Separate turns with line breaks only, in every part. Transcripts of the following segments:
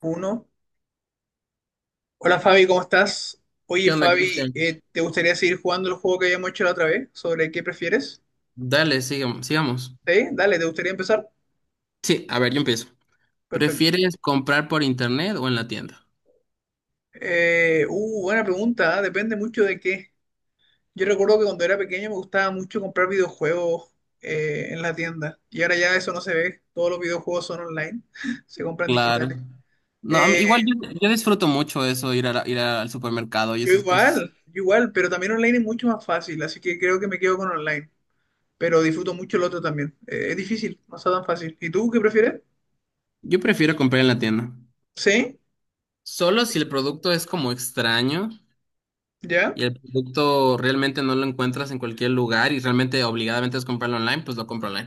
Uno. Hola Fabi, ¿cómo estás? Oye
¿Qué onda,
Fabi,
Cristian?
¿te gustaría seguir jugando el juego que habíamos hecho la otra vez? ¿Sobre qué prefieres?
Sigamos.
¿Sí? Dale, ¿te gustaría empezar?
Sí, a ver, yo empiezo.
Perfecto.
¿Prefieres comprar por internet o en la tienda?
Buena pregunta, ¿eh? Depende mucho de qué. Yo recuerdo que cuando era pequeño me gustaba mucho comprar videojuegos en la tienda, y ahora ya eso no se ve, todos los videojuegos son online, se compran
Claro.
digitales.
No, a mí- igual
Eh,
yo, yo disfruto mucho eso, ir al supermercado y
yo
esas cosas.
igual, yo igual, pero también online es mucho más fácil, así que creo que me quedo con online. Pero disfruto mucho el otro también. Es difícil, no está tan fácil. ¿Y tú qué prefieres?
Yo prefiero comprar en la tienda.
¿Sí?
Solo si el producto es como extraño
¿Ya?
y el producto realmente no lo encuentras en cualquier lugar y realmente obligadamente es comprarlo online, pues lo compro online.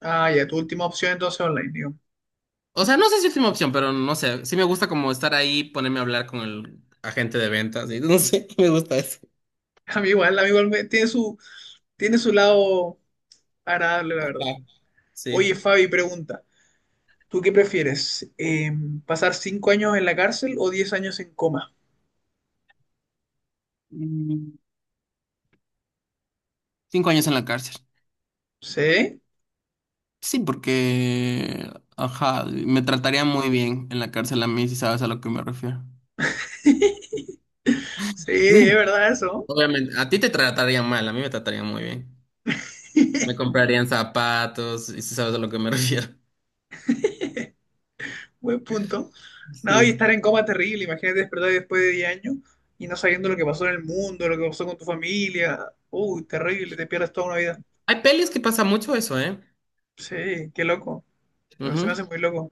Ah, ya, tu última opción entonces online, digo.
O sea, no sé si es mi opción, pero no sé. Sí me gusta como estar ahí, ponerme a hablar con el agente de ventas y no sé, me gusta eso.
A mí igual me- Tiene su, tiene su lado agradable, la verdad.
Ajá, sí.
Oye, Fabi, pregunta, ¿tú qué prefieres? ¿Pasar 5 años en la cárcel o 10 años en coma?
Mm, Cinco años en la cárcel.
¿Sí?
Sí, porque, ajá, me trataría muy bien en la cárcel a mí, si sabes a lo que me refiero.
Sí,
Sí.
es verdad eso.
Obviamente, a ti te tratarían mal, a mí me tratarían muy bien. Me comprarían zapatos, y si sabes a lo que me refiero.
Buen punto. No, y
Sí.
estar en coma terrible, imagínate despertar después de 10 años y no sabiendo lo que pasó en el mundo, lo que pasó con tu familia. Uy, terrible, te pierdes toda una vida.
Hay pelis que pasa mucho eso, ¿eh?
Sí, qué loco. Se me
Ujú.
hace muy loco.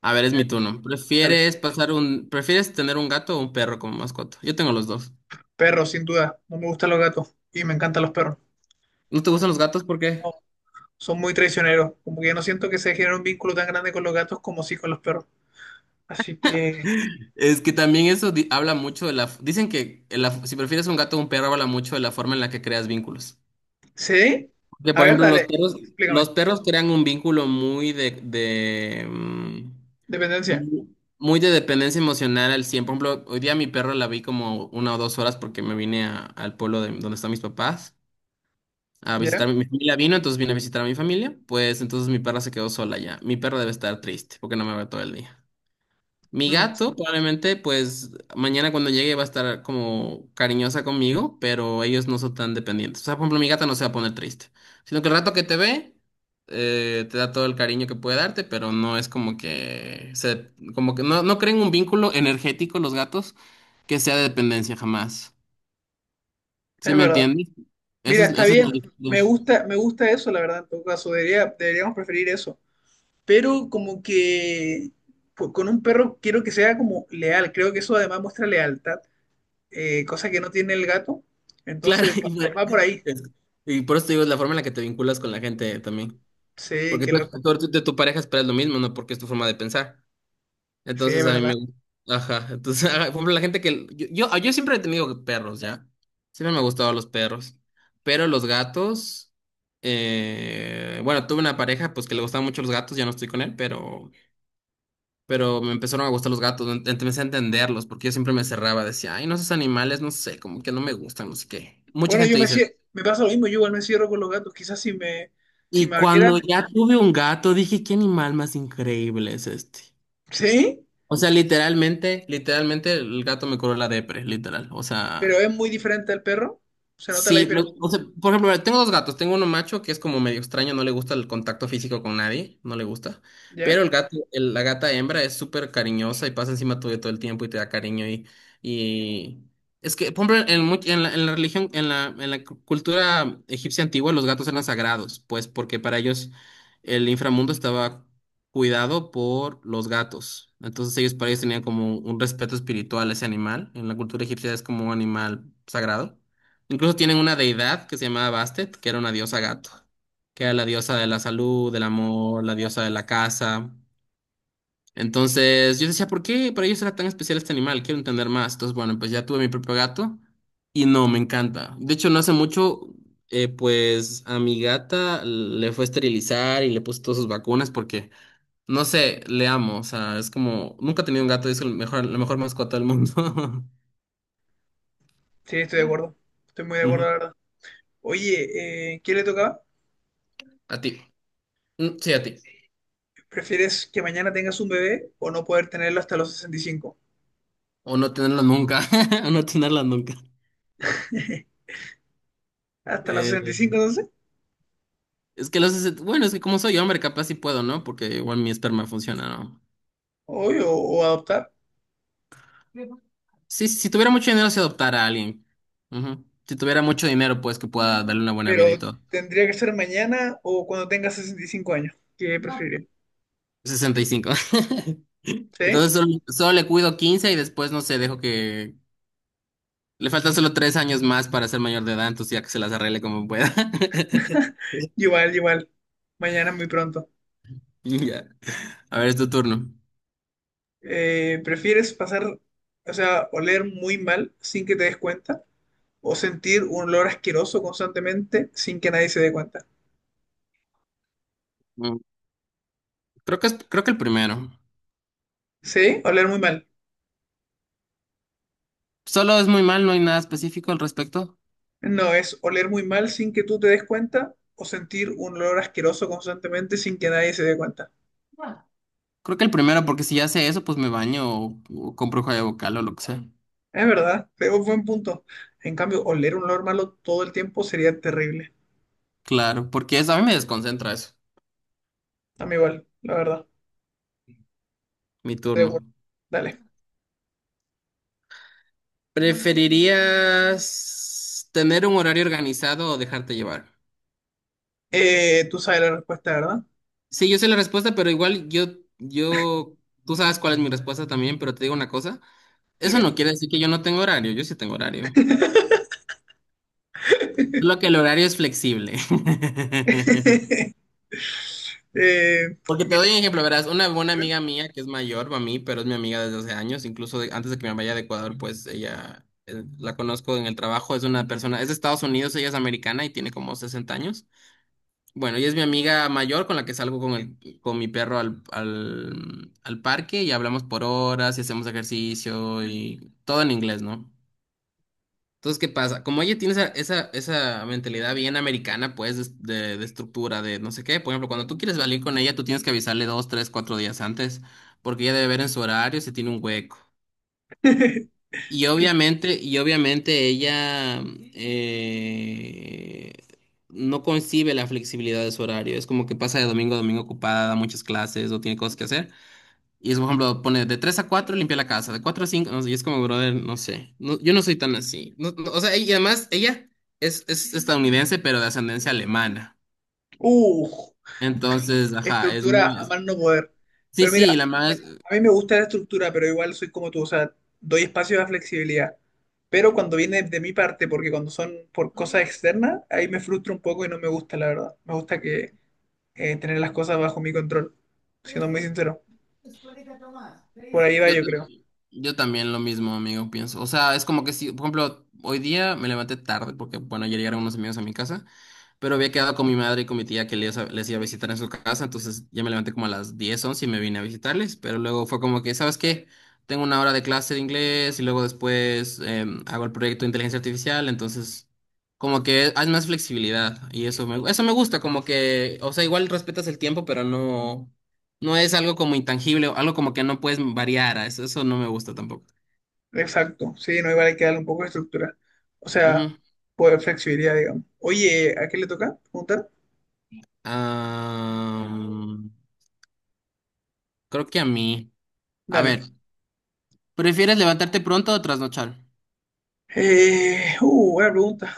A ver, es
Eh,
mi turno.
Dale.
¿Prefieres tener un gato o un perro como mascota? Yo tengo los dos.
Perros, sin duda. No me gustan los gatos y me encantan los perros.
¿No te gustan los gatos? ¿Por qué?
No, son muy traicioneros. Como que yo no siento que se genere un vínculo tan grande con los gatos como sí con los perros. Así que,
Es que también habla mucho dicen que si prefieres un gato o un perro, habla mucho de la forma en la que creas vínculos.
sí.
Que,
A
por
ver,
ejemplo, los
dale,
perros,
explícame.
los perros crean un vínculo muy
Dependencia.
mu- muy de dependencia emocional al 100. Por ejemplo, hoy día mi perro la vi como una o dos horas porque al pueblo de, donde están mis papás, a
¿Ya?
visitar mi familia vino, entonces vine a visitar a mi familia, pues entonces mi perra se quedó sola ya. Mi perra debe estar triste porque no me ve todo el día. Mi
Mm,
gato probablemente pues mañana cuando llegue va a estar como cariñosa conmigo, pero ellos no son tan dependientes. O sea, por ejemplo, mi gata no se va a poner triste, sino que el rato que te ve te da todo el cariño que puede darte, pero no es como que se, como que no creen un vínculo energético los gatos que sea de dependencia jamás. ¿Sí
es
me
verdad.
entiendes?
Mira, está
Esa es la
bien,
diferencia.
me gusta eso, la verdad, en todo caso, debería, deberíamos preferir eso. Pero como que pues, con un perro quiero que sea como leal, creo que eso además muestra lealtad, cosa que no tiene el gato.
Claro,
Entonces va por ahí.
es- y por eso te digo, es la forma en la que te vinculas con la gente también.
Sí,
Porque
qué
tú,
loco.
tú- tú de tu pareja esperas lo mismo, ¿no? Porque es tu forma de pensar.
Sí, es
Entonces a mí me...
verdad.
Ajá, entonces, ajá, por ejemplo, la gente que... Yo siempre he tenido perros, ¿ya? Siempre me han gustado los perros. Pero los gatos... bueno, tuve una pareja pues que le gustaban mucho los gatos, ya no estoy con él, pero... pero me empezaron a gustar los gatos, empecé a entenderlos, porque yo siempre me cerraba, decía, ay, no, esos animales, no sé, como que no me gustan, no sé qué. Mucha
Bueno,
gente dice...
me pasa lo mismo, yo igual me cierro con los gatos. Quizás si me, si
y
me abrieran,
cuando ya tuve un gato, dije, qué animal más increíble es este.
sí,
O sea, literalmente el gato me curó la depre, literal. O
pero
sea,
es muy diferente al perro. ¿Se nota la diferencia?
O sea, por ejemplo, mira, tengo dos gatos. Tengo uno macho que es como medio extraño, no le gusta el contacto físico con nadie, no le gusta. Pero
¿Ya?
la gata hembra es súper cariñosa y pasa encima tuyo todo el tiempo y te da cariño y... Es que, por ejemplo, en, much- en la religión, en la cultura egipcia antigua, los gatos eran sagrados, pues porque para ellos el inframundo estaba cuidado por los gatos. Entonces ellos, para ellos tenían como un respeto espiritual a ese animal. En la cultura egipcia es como un animal sagrado. Incluso tienen una deidad que se llamaba Bastet, que era una diosa gato, que era la diosa de la salud, del amor, la diosa de la casa. Entonces yo decía, ¿por qué para ellos era tan especial este animal? Quiero entender más. Entonces, bueno, pues ya tuve mi propio gato y no, me encanta. De hecho, no hace mucho, pues a mi gata le fue a esterilizar y le puse todas sus vacunas porque, no sé, le amo. O sea, es como, nunca he tenido un gato y es el mejor, la mejor mascota del mundo.
Sí, estoy de acuerdo. Estoy muy de acuerdo,
Ujú.
la verdad. Oye, ¿quién le tocaba?
A ti. Mm, Sí, a ti.
¿Prefieres que mañana tengas un bebé o no poder tenerlo hasta los 65?
O no tenerlas nunca. O no tenerlas nunca.
¿Hasta los
Eh,
65 entonces?
es que los... es- Bueno, es que como soy hombre, capaz sí puedo, ¿no? Porque igual mi esperma funciona, ¿no?
Obvio, o adoptar.
Sí, si tuviera mucho dinero, se adoptara a alguien. Ujú. Si tuviera mucho dinero, pues que pueda darle una buena
Pero
vida y todo.
tendría que ser mañana o cuando tengas 65 años. ¿Qué preferiría?
65.
¿Sí?
Entonces solo le cuido 15 y después no sé, dejo que... Le faltan solo 3 años más para ser mayor de edad, entonces ya que se las arregle como pueda.
Igual, igual. Mañana es muy pronto.
Ya. A ver, es tu turno.
¿Prefieres pasar, o sea, oler muy mal sin que te des cuenta? ¿O sentir un olor asqueroso constantemente sin que nadie se dé cuenta?
Mm, Creo que es, creo que el primero.
¿Sí? Oler muy mal.
Solo es muy mal, no hay nada específico al respecto.
No, es oler muy mal sin que tú te des cuenta o sentir un olor asqueroso constantemente sin que nadie se dé cuenta.
Creo que el primero, porque si ya sé eso, pues me baño o compro joya vocal o lo que sea.
Es verdad, es un buen punto. En cambio, oler un olor malo todo el tiempo sería terrible.
Claro, porque eso a mí me desconcentra eso.
A mí igual, la verdad.
Mi
Estoy de
turno.
acuerdo. Dale.
¿Preferirías tener un horario organizado o dejarte llevar?
Tú sabes la respuesta, ¿verdad?
Sí, yo sé la respuesta, yo, tú sabes cuál es mi respuesta también, pero te digo una cosa. Eso
Dime.
no quiere decir que yo no tengo horario, yo sí tengo horario. Solo que el horario es flexible. Porque te
Mira.
doy un ejemplo, verás, una buena
Mira.
amiga mía que es mayor a mí, pero es mi amiga desde hace años, antes de que me vaya de Ecuador, pues ella, la conozco en el trabajo, es una persona, es de Estados Unidos, ella es americana y tiene como 60 años. Bueno, ella es mi amiga mayor con la que salgo con con mi perro al parque y hablamos por horas y hacemos ejercicio y todo en inglés, ¿no? Entonces, ¿qué pasa? Como ella tiene esa mentalidad bien americana, pues, de estructura, de no sé qué. Por ejemplo, cuando tú quieres salir con ella, tú tienes que avisarle dos, tres, cuatro días antes, porque ella debe ver en su horario si tiene un hueco. Y obviamente ella eh, no concibe la flexibilidad de su horario. Es como que pasa de domingo a domingo ocupada, da muchas clases o tiene cosas que hacer. Y es, por ejemplo, pone de 3 a 4 limpia la casa, de 4 a 5 no sé, y es como, brother, no sé, no, yo no soy tan así. No- no, o sea, y además ella es estadounidense, pero de ascendencia alemana.
Uh,
Entonces, ajá, es
estructura
muy...
a más no poder.
sí,
Pero mira,
sí,
a ver, a mí me gusta la estructura, pero igual soy como tú, o sea, doy espacio a flexibilidad. Pero cuando viene de mi parte, porque cuando son por cosas externas, ahí me frustro un poco y no me gusta, la verdad. Me gusta que tener las cosas bajo mi control, siendo muy sincero. Por ahí va,
yo,
yo creo.
yo también lo mismo, amigo, pienso. O sea, es como que si, por ejemplo, hoy día me levanté tarde porque, bueno, ayer llegaron unos amigos a mi casa, pero había quedado con mi madre y con mi tía que les iba a visitar en su casa, entonces ya me levanté como a las 10 11 y me vine a visitarles, pero luego fue como que, ¿sabes qué? Tengo una hora de clase de inglés y luego después em, hago el proyecto de inteligencia artificial, entonces como que hay más flexibilidad y eso eso me gusta, como que, o sea, igual respetas el tiempo, pero no... No es algo como intangible, algo como que no puedes variar. Eso no me gusta tampoco.
Exacto, sí, no, igual hay que darle un poco de estructura. O sea,
Ujú.
pues flexibilidad, digamos. Oye, ¿a qué le toca preguntar?
Ah, creo que a mí. A
Dale.
ver, ¿prefieres levantarte pronto o trasnochar?
Buena pregunta.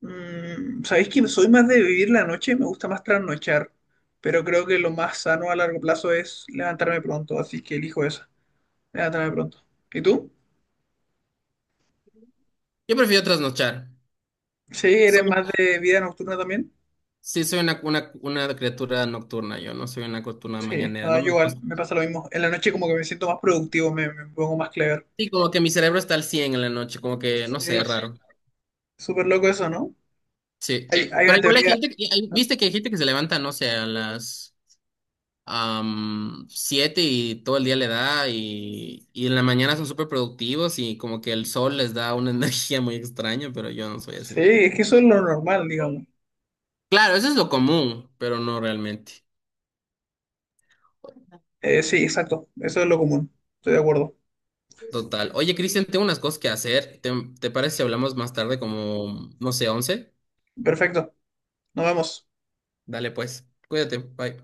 Mm, sabéis que soy más de vivir la noche, me gusta más trasnochar, pero creo que lo más sano a largo plazo es levantarme pronto, así que elijo esa, levantarme pronto. ¿Y tú?
Yo prefiero trasnochar.
Sí, eres
Soy,
más de vida nocturna también.
sí, soy una criatura nocturna, yo no soy una criatura
Sí,
mañanera,
no,
no
yo
me
igual,
gusta.
me pasa lo mismo. En la noche como que me siento más productivo, me pongo más clever.
Sí, como que mi cerebro está al 100 en la noche, como que, no sé, es
Sí,
raro.
súper loco eso, ¿no?
Sí.
Hay
Pero
una
igual hay
teoría.
gente,
¿No?
viste que hay gente que se levanta, no sé, a las am, siete y todo el día le da y en la mañana son súper productivos y como que el sol les da una energía muy extraña, pero yo no soy
Sí,
así.
es que eso es lo normal, digamos.
Claro, eso es lo común, pero no realmente.
Sí, exacto, eso es lo común, estoy de acuerdo.
Total. Oye, Cristian, tengo unas cosas que hacer. ¿Te parece si hablamos más tarde como, no sé, once?
Perfecto, nos vemos.
Dale pues, cuídate, bye.